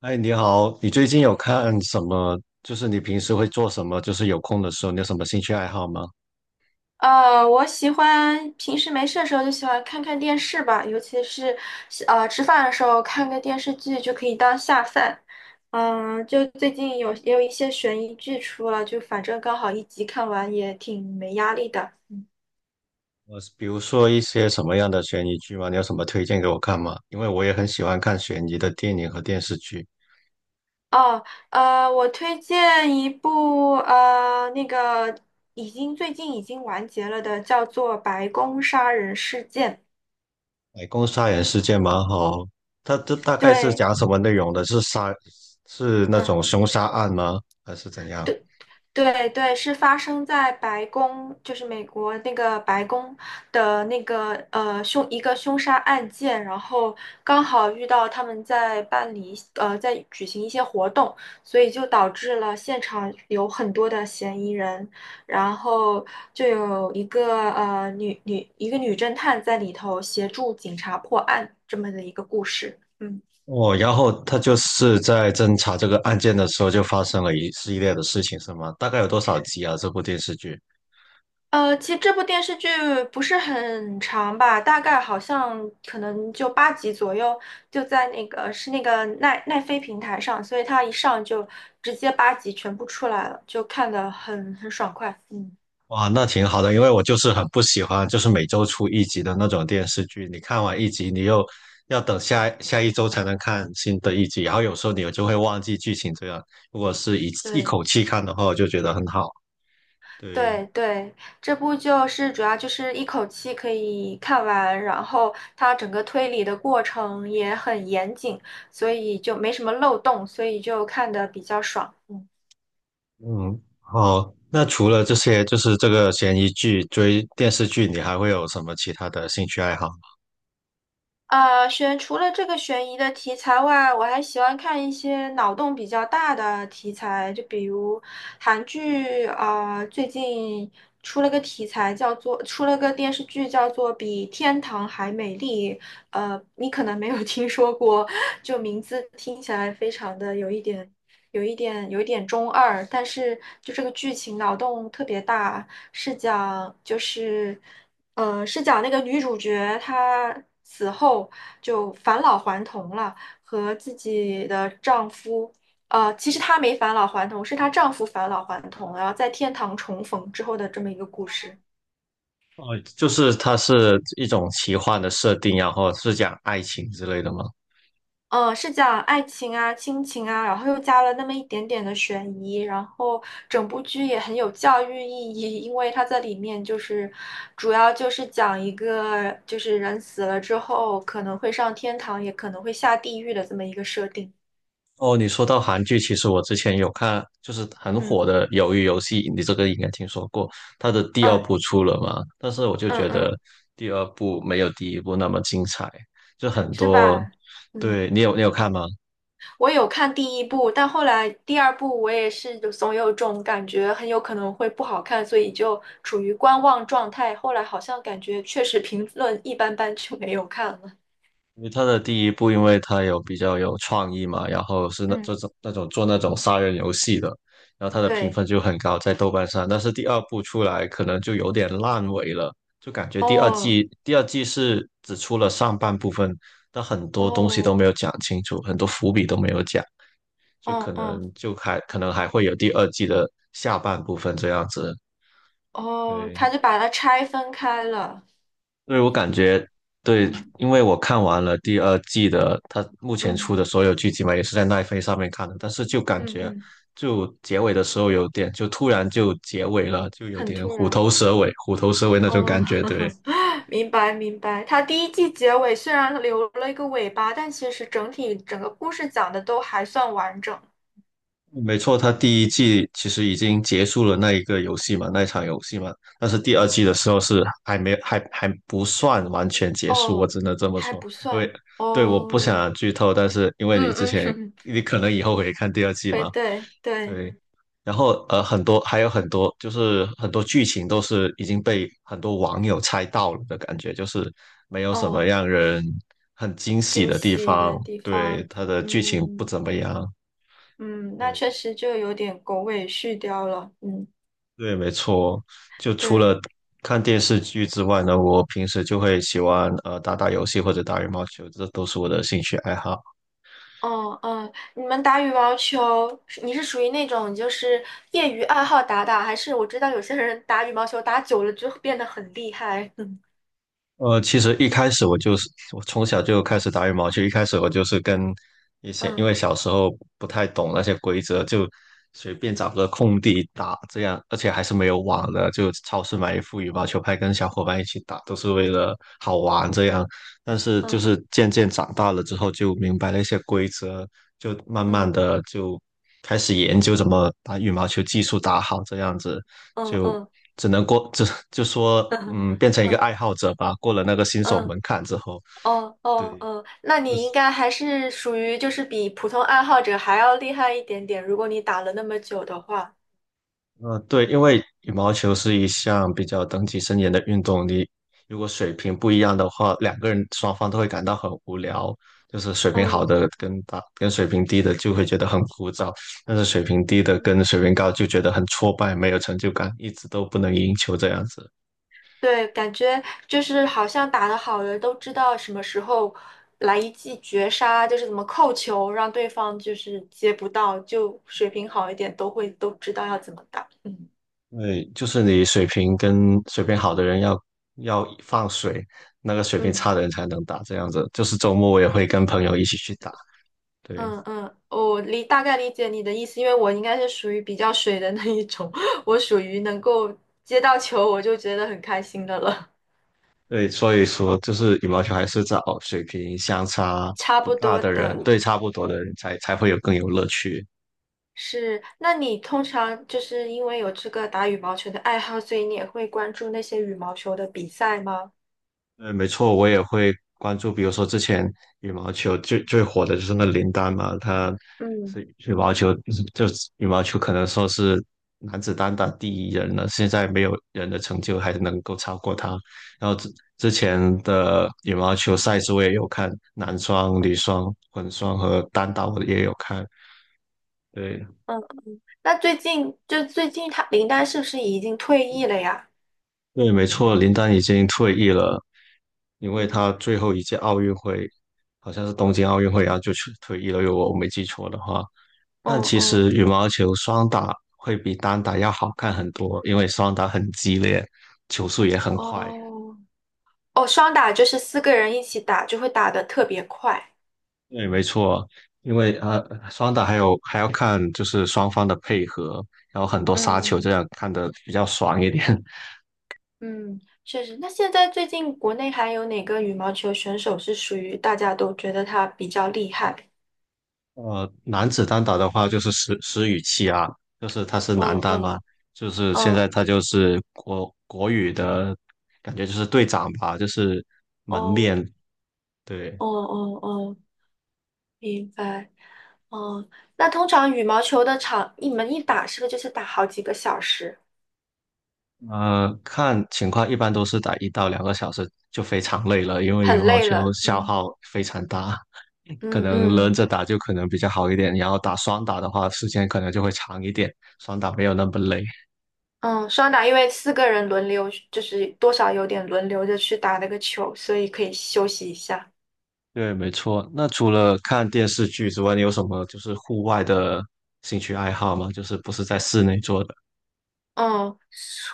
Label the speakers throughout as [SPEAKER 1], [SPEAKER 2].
[SPEAKER 1] 哎，你好，你最近有看什么？就是你平时会做什么？就是有空的时候，你有什么兴趣爱好吗？
[SPEAKER 2] 我喜欢平时没事的时候就喜欢看看电视吧，尤其是吃饭的时候看个电视剧就可以当下饭。嗯，就最近也有一些悬疑剧出了，就反正刚好一集看完也挺没压力的。
[SPEAKER 1] 比如说一些什么样的悬疑剧吗？你有什么推荐给我看吗？因为我也很喜欢看悬疑的电影和电视剧。
[SPEAKER 2] 哦，我推荐一部最近已经完结了的，叫做《白宫杀人事件》。
[SPEAKER 1] 白宫杀人事件蛮好，它这大概是
[SPEAKER 2] 对，
[SPEAKER 1] 讲什么内容的？是杀，是那
[SPEAKER 2] 嗯。
[SPEAKER 1] 种凶杀案吗？还是怎样？
[SPEAKER 2] 对。对，是发生在白宫，就是美国那个白宫的那个呃凶一个凶杀案件，然后刚好遇到他们在办理在举行一些活动，所以就导致了现场有很多的嫌疑人，然后就有一个女侦探在里头协助警察破案这么的一个故事。嗯。
[SPEAKER 1] 哦，然后他就是在侦查这个案件的时候，就发生了一系列的事情，是吗？大概有多少集啊？这部电视剧？
[SPEAKER 2] 其实这部电视剧不是很长吧，大概好像可能就八集左右，就在那个是那个奈飞平台上，所以它一上就直接八集全部出来了，就看得很爽快。嗯，
[SPEAKER 1] 哇，那挺好的，因为我就是很不喜欢，就是每周出一集的那种电视剧。你看完一集，你又要等下一周才能看新的一集，然后有时候你就会忘记剧情。这样，如果是一口
[SPEAKER 2] 对
[SPEAKER 1] 气看的话，我就觉得很好。对，
[SPEAKER 2] 对，这部就是主要就是一口气可以看完，然后它整个推理的过程也很严谨，所以就没什么漏洞，所以就看得比较爽。嗯
[SPEAKER 1] 嗯，好。那除了这些，就是这个悬疑剧、追电视剧，你还会有什么其他的兴趣爱好吗？
[SPEAKER 2] 啊，除了这个悬疑的题材外，我还喜欢看一些脑洞比较大的题材，就比如韩剧，啊，最近出了个电视剧叫做《比天堂还美丽》，你可能没有听说过，就名字听起来非常的有一点。有一点中二，但是就这个剧情脑洞特别大，是讲就是呃是讲那个女主角她死后就返老还童了，和自己的丈夫。其实她没返老还童，是她丈夫返老还童，然后在天堂重逢之后的这么一个故事。
[SPEAKER 1] 哦，就是它是一种奇幻的设定啊，然后是讲爱情之类的吗？
[SPEAKER 2] 嗯，是讲爱情啊、亲情啊，然后又加了那么一点点的悬疑，然后整部剧也很有教育意义，因为它在里面就是主要就是讲一个就是人死了之后可能会上天堂，也可能会下地狱的这么一个设定。
[SPEAKER 1] 哦，你说到韩剧，其实我之前有看，就是很
[SPEAKER 2] 嗯
[SPEAKER 1] 火的《鱿鱼游戏》，你这个应该听说过。它的第二
[SPEAKER 2] 嗯
[SPEAKER 1] 部出了嘛？但是我就
[SPEAKER 2] 嗯
[SPEAKER 1] 觉得
[SPEAKER 2] 嗯，
[SPEAKER 1] 第二部没有第一部那么精彩，就很
[SPEAKER 2] 是
[SPEAKER 1] 多。
[SPEAKER 2] 吧？嗯。
[SPEAKER 1] 对，你有看吗？
[SPEAKER 2] 我有看第一部，但后来第二部我也是就总有种感觉，很有可能会不好看，所以就处于观望状态。后来好像感觉确实评论一般般，就没有看了。
[SPEAKER 1] 因为他的第一部，因为他有比较有创意嘛，然后是那
[SPEAKER 2] 嗯，
[SPEAKER 1] 这种那种做那种杀人游戏的，然后他的评
[SPEAKER 2] 对，
[SPEAKER 1] 分就很高，在豆瓣上。但是第二部出来可能就有点烂尾了，就感觉第二
[SPEAKER 2] 哦，
[SPEAKER 1] 季第二季是只出了上半部分，但很多东西都
[SPEAKER 2] 哦，
[SPEAKER 1] 没有讲清楚，很多伏笔都没有讲，就
[SPEAKER 2] 哦，
[SPEAKER 1] 可
[SPEAKER 2] 哦，
[SPEAKER 1] 能就还可能还会有第二季的下半部分这样子。
[SPEAKER 2] 哦,
[SPEAKER 1] 对，
[SPEAKER 2] 他就把它拆分开了。
[SPEAKER 1] 对，我感觉对，
[SPEAKER 2] 嗯
[SPEAKER 1] 因为我看完了第二季的，它目前
[SPEAKER 2] 嗯
[SPEAKER 1] 出的所有剧集嘛，也是在奈飞上面看的，但是就感
[SPEAKER 2] 嗯
[SPEAKER 1] 觉
[SPEAKER 2] 嗯，
[SPEAKER 1] 就结尾的时候有点，就突然就结尾了，就有
[SPEAKER 2] 很
[SPEAKER 1] 点
[SPEAKER 2] 突
[SPEAKER 1] 虎
[SPEAKER 2] 然。
[SPEAKER 1] 头蛇尾，虎头蛇尾那种
[SPEAKER 2] 哦，
[SPEAKER 1] 感觉。对，
[SPEAKER 2] 明白明白。他第一季结尾虽然留了一个尾巴，但其实整体整个故事讲的都还算完整。
[SPEAKER 1] 没错，它第一季其实已经结束了那一个游戏嘛，那一场游戏嘛，但是第二季的时候是还没还还不算完全结束，我
[SPEAKER 2] 哦，
[SPEAKER 1] 只能这么
[SPEAKER 2] 还
[SPEAKER 1] 说，
[SPEAKER 2] 不
[SPEAKER 1] 因为
[SPEAKER 2] 算
[SPEAKER 1] 对，我不
[SPEAKER 2] 哦，
[SPEAKER 1] 想剧透，但是因为
[SPEAKER 2] 嗯
[SPEAKER 1] 你之前
[SPEAKER 2] 嗯，
[SPEAKER 1] 你可能以后会看第二 季
[SPEAKER 2] 对
[SPEAKER 1] 嘛。
[SPEAKER 2] 对对，
[SPEAKER 1] 对，然后很多还有很多，就是很多剧情都是已经被很多网友猜到了的感觉，就是没有什么
[SPEAKER 2] 哦，
[SPEAKER 1] 让人很惊喜
[SPEAKER 2] 惊
[SPEAKER 1] 的地
[SPEAKER 2] 喜的
[SPEAKER 1] 方。
[SPEAKER 2] 地
[SPEAKER 1] 对，
[SPEAKER 2] 方，
[SPEAKER 1] 它的剧情不
[SPEAKER 2] 嗯
[SPEAKER 1] 怎么样。
[SPEAKER 2] 嗯，那
[SPEAKER 1] 对，
[SPEAKER 2] 确实就有点狗尾续貂了，嗯，
[SPEAKER 1] 对，没错。就除
[SPEAKER 2] 对，
[SPEAKER 1] 了看电视剧之外呢，我平时就会喜欢打打游戏或者打羽毛球，这都是我的兴趣爱好。
[SPEAKER 2] 哦嗯，你们打羽毛球，你是属于那种就是业余爱好打打，还是我知道有些人打羽毛球打久了就变得很厉害，
[SPEAKER 1] 其实一开始我就是我从小就开始打羽毛球，一开始我就是跟一些，因
[SPEAKER 2] 嗯
[SPEAKER 1] 为小时候不太懂那些规则，就随便找个空地打，这样，而且还是没有网的，就超市买一副羽毛球拍，跟小伙伴一起打，都是为了好玩这样。但是就是渐渐长大了之后，就明白了一些规则，就慢慢
[SPEAKER 2] 嗯
[SPEAKER 1] 的就开始研究怎么把羽毛球技术打好，这样子
[SPEAKER 2] 嗯嗯
[SPEAKER 1] 就
[SPEAKER 2] 嗯
[SPEAKER 1] 只能过，就就说
[SPEAKER 2] 嗯
[SPEAKER 1] 嗯，变成一个
[SPEAKER 2] 嗯。
[SPEAKER 1] 爱好者吧。过了那个新手
[SPEAKER 2] 嗯
[SPEAKER 1] 门槛之后，
[SPEAKER 2] 哦哦
[SPEAKER 1] 对，
[SPEAKER 2] 哦，那
[SPEAKER 1] 就
[SPEAKER 2] 你
[SPEAKER 1] 是
[SPEAKER 2] 应该还是属于就是比普通爱好者还要厉害一点点，如果你打了那么久的话。
[SPEAKER 1] 对，因为羽毛球是一项比较等级森严的运动，你如果水平不一样的话，两个人双方都会感到很无聊。就是水平好
[SPEAKER 2] 嗯，
[SPEAKER 1] 的跟水平低的就会觉得很枯燥，但是水平低的
[SPEAKER 2] 嗯
[SPEAKER 1] 跟水平高就觉得很挫败，没有成就感，一直都不能赢球这样子。
[SPEAKER 2] 对，感觉就是好像打得好的都知道什么时候来一记绝杀，就是怎么扣球，让对方就是接不到，就水平好一点都会都知道要怎么打。嗯
[SPEAKER 1] 对，就是你水平跟水平好的人要放水，那个水平
[SPEAKER 2] 嗯。
[SPEAKER 1] 差的人才能打，这样子。就是周末我也会跟朋友一起去打，对
[SPEAKER 2] 嗯嗯，大概理解你的意思，因为我应该是属于比较水的那一种，我属于能够接到球我就觉得很开心的了。
[SPEAKER 1] 对，所以说就是羽毛球还是找水平相差
[SPEAKER 2] 差
[SPEAKER 1] 不
[SPEAKER 2] 不
[SPEAKER 1] 大
[SPEAKER 2] 多
[SPEAKER 1] 的人，
[SPEAKER 2] 的
[SPEAKER 1] 对差不多的人才会有更有乐趣。
[SPEAKER 2] 是，那你通常就是因为有这个打羽毛球的爱好，所以你也会关注那些羽毛球的比赛吗？
[SPEAKER 1] 对，没错，我也会关注，比如说之前羽毛球最火的就是那林丹嘛，他
[SPEAKER 2] 嗯
[SPEAKER 1] 是羽毛球，就是羽毛球可能说是男子单打第一人了，现在没有人的成就还能够超过他。然后之前的羽毛球赛事我也有看，男双、女双、混双和单打我也有看。对
[SPEAKER 2] 嗯，那最近他林丹是不是已经退役了呀？
[SPEAKER 1] 对，没错，林丹已经退役了。因为
[SPEAKER 2] 嗯
[SPEAKER 1] 他最后一届奥运会好像是东京奥运会啊，然后就去退役了，如果我没记错的话。但
[SPEAKER 2] 嗯
[SPEAKER 1] 其实
[SPEAKER 2] 嗯，
[SPEAKER 1] 羽毛球双打会比单打要好看很多，因为双打很激烈，球速也很快。
[SPEAKER 2] 哦哦，双打就是四个人一起打，就会打得特别快。
[SPEAKER 1] 对，没错，因为双打还要看就是双方的配合，然后很多杀球，这
[SPEAKER 2] 嗯。
[SPEAKER 1] 样看得比较爽一点。
[SPEAKER 2] 嗯，确实。那现在最近国内还有哪个羽毛球选手是属于大家都觉得他比较厉害？
[SPEAKER 1] 男子单打的话就是石宇奇啊，就是他是男
[SPEAKER 2] 哦
[SPEAKER 1] 单
[SPEAKER 2] 哦
[SPEAKER 1] 嘛，就是现在
[SPEAKER 2] 哦
[SPEAKER 1] 他就是国羽的感觉就是队长吧，就是门
[SPEAKER 2] 哦
[SPEAKER 1] 面。对，
[SPEAKER 2] 哦，明白。哦，那通常羽毛球的场，你们一打是不是就是打好几个小时，
[SPEAKER 1] 看情况一般都是打一到两个小时就非常累了，因为羽
[SPEAKER 2] 很
[SPEAKER 1] 毛
[SPEAKER 2] 累
[SPEAKER 1] 球
[SPEAKER 2] 了？
[SPEAKER 1] 消
[SPEAKER 2] 嗯
[SPEAKER 1] 耗非常大，可
[SPEAKER 2] 嗯
[SPEAKER 1] 能轮
[SPEAKER 2] 嗯
[SPEAKER 1] 着打就可能比较好一点，然后打双打的话时间可能就会长一点，双打没有那么累。
[SPEAKER 2] 嗯，双打因为四个人轮流，就是多少有点轮流着去打那个球，所以可以休息一下。
[SPEAKER 1] 对，没错。那除了看电视剧之外，你有什么就是户外的兴趣爱好吗？就是不是在室内做的？
[SPEAKER 2] 嗯，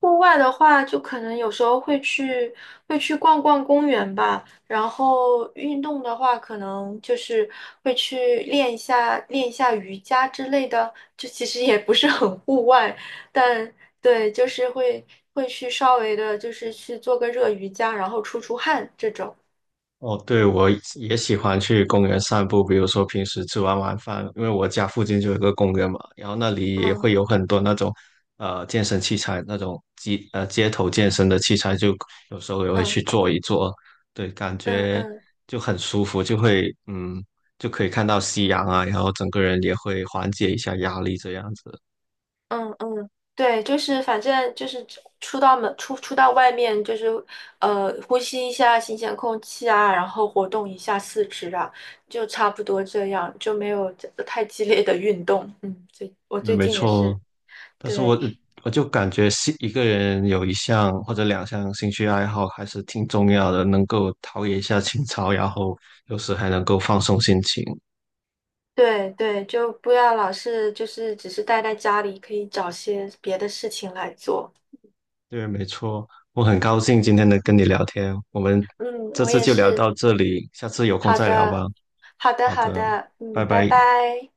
[SPEAKER 2] 户外的话，就可能有时候会去会去逛逛公园吧。然后运动的话，可能就是会去练一下瑜伽之类的。就其实也不是很户外，但对，就是会去稍微的，就是去做个热瑜伽，然后出汗这种。
[SPEAKER 1] 哦，对，我也喜欢去公园散步，比如说平时吃完晚饭，因为我家附近就有一个公园嘛，然后那里也
[SPEAKER 2] 嗯
[SPEAKER 1] 会有很多那种健身器材，那种街头健身的器材，就有时候也会
[SPEAKER 2] 嗯
[SPEAKER 1] 去做一做，对，感
[SPEAKER 2] 嗯
[SPEAKER 1] 觉
[SPEAKER 2] 嗯。
[SPEAKER 1] 就很舒服，就会嗯就可以看到夕阳啊，然后整个人也会缓解一下压力这样子。
[SPEAKER 2] 嗯嗯，对，就是反正就是出到外面，就是呼吸一下新鲜空气啊，然后活动一下四肢啊，就差不多这样，就没有太激烈的运动。嗯，我
[SPEAKER 1] 嗯，
[SPEAKER 2] 最
[SPEAKER 1] 没
[SPEAKER 2] 近也
[SPEAKER 1] 错，
[SPEAKER 2] 是，
[SPEAKER 1] 但是
[SPEAKER 2] 对
[SPEAKER 1] 我就感觉是一个人有一项或者两项兴趣爱好还是挺重要的，能够陶冶一下情操，然后有时还能够放松心情。
[SPEAKER 2] 对，就不要老是就是只是待在家里，可以找些别的事情来做。
[SPEAKER 1] 对，没错，我很高兴今天能跟你聊天，我们
[SPEAKER 2] 嗯，
[SPEAKER 1] 这
[SPEAKER 2] 我
[SPEAKER 1] 次
[SPEAKER 2] 也
[SPEAKER 1] 就聊
[SPEAKER 2] 是。
[SPEAKER 1] 到这里，下次有空
[SPEAKER 2] 好
[SPEAKER 1] 再聊吧。
[SPEAKER 2] 的，好的，
[SPEAKER 1] 好
[SPEAKER 2] 好
[SPEAKER 1] 的，
[SPEAKER 2] 的。
[SPEAKER 1] 拜
[SPEAKER 2] 嗯，拜
[SPEAKER 1] 拜。
[SPEAKER 2] 拜。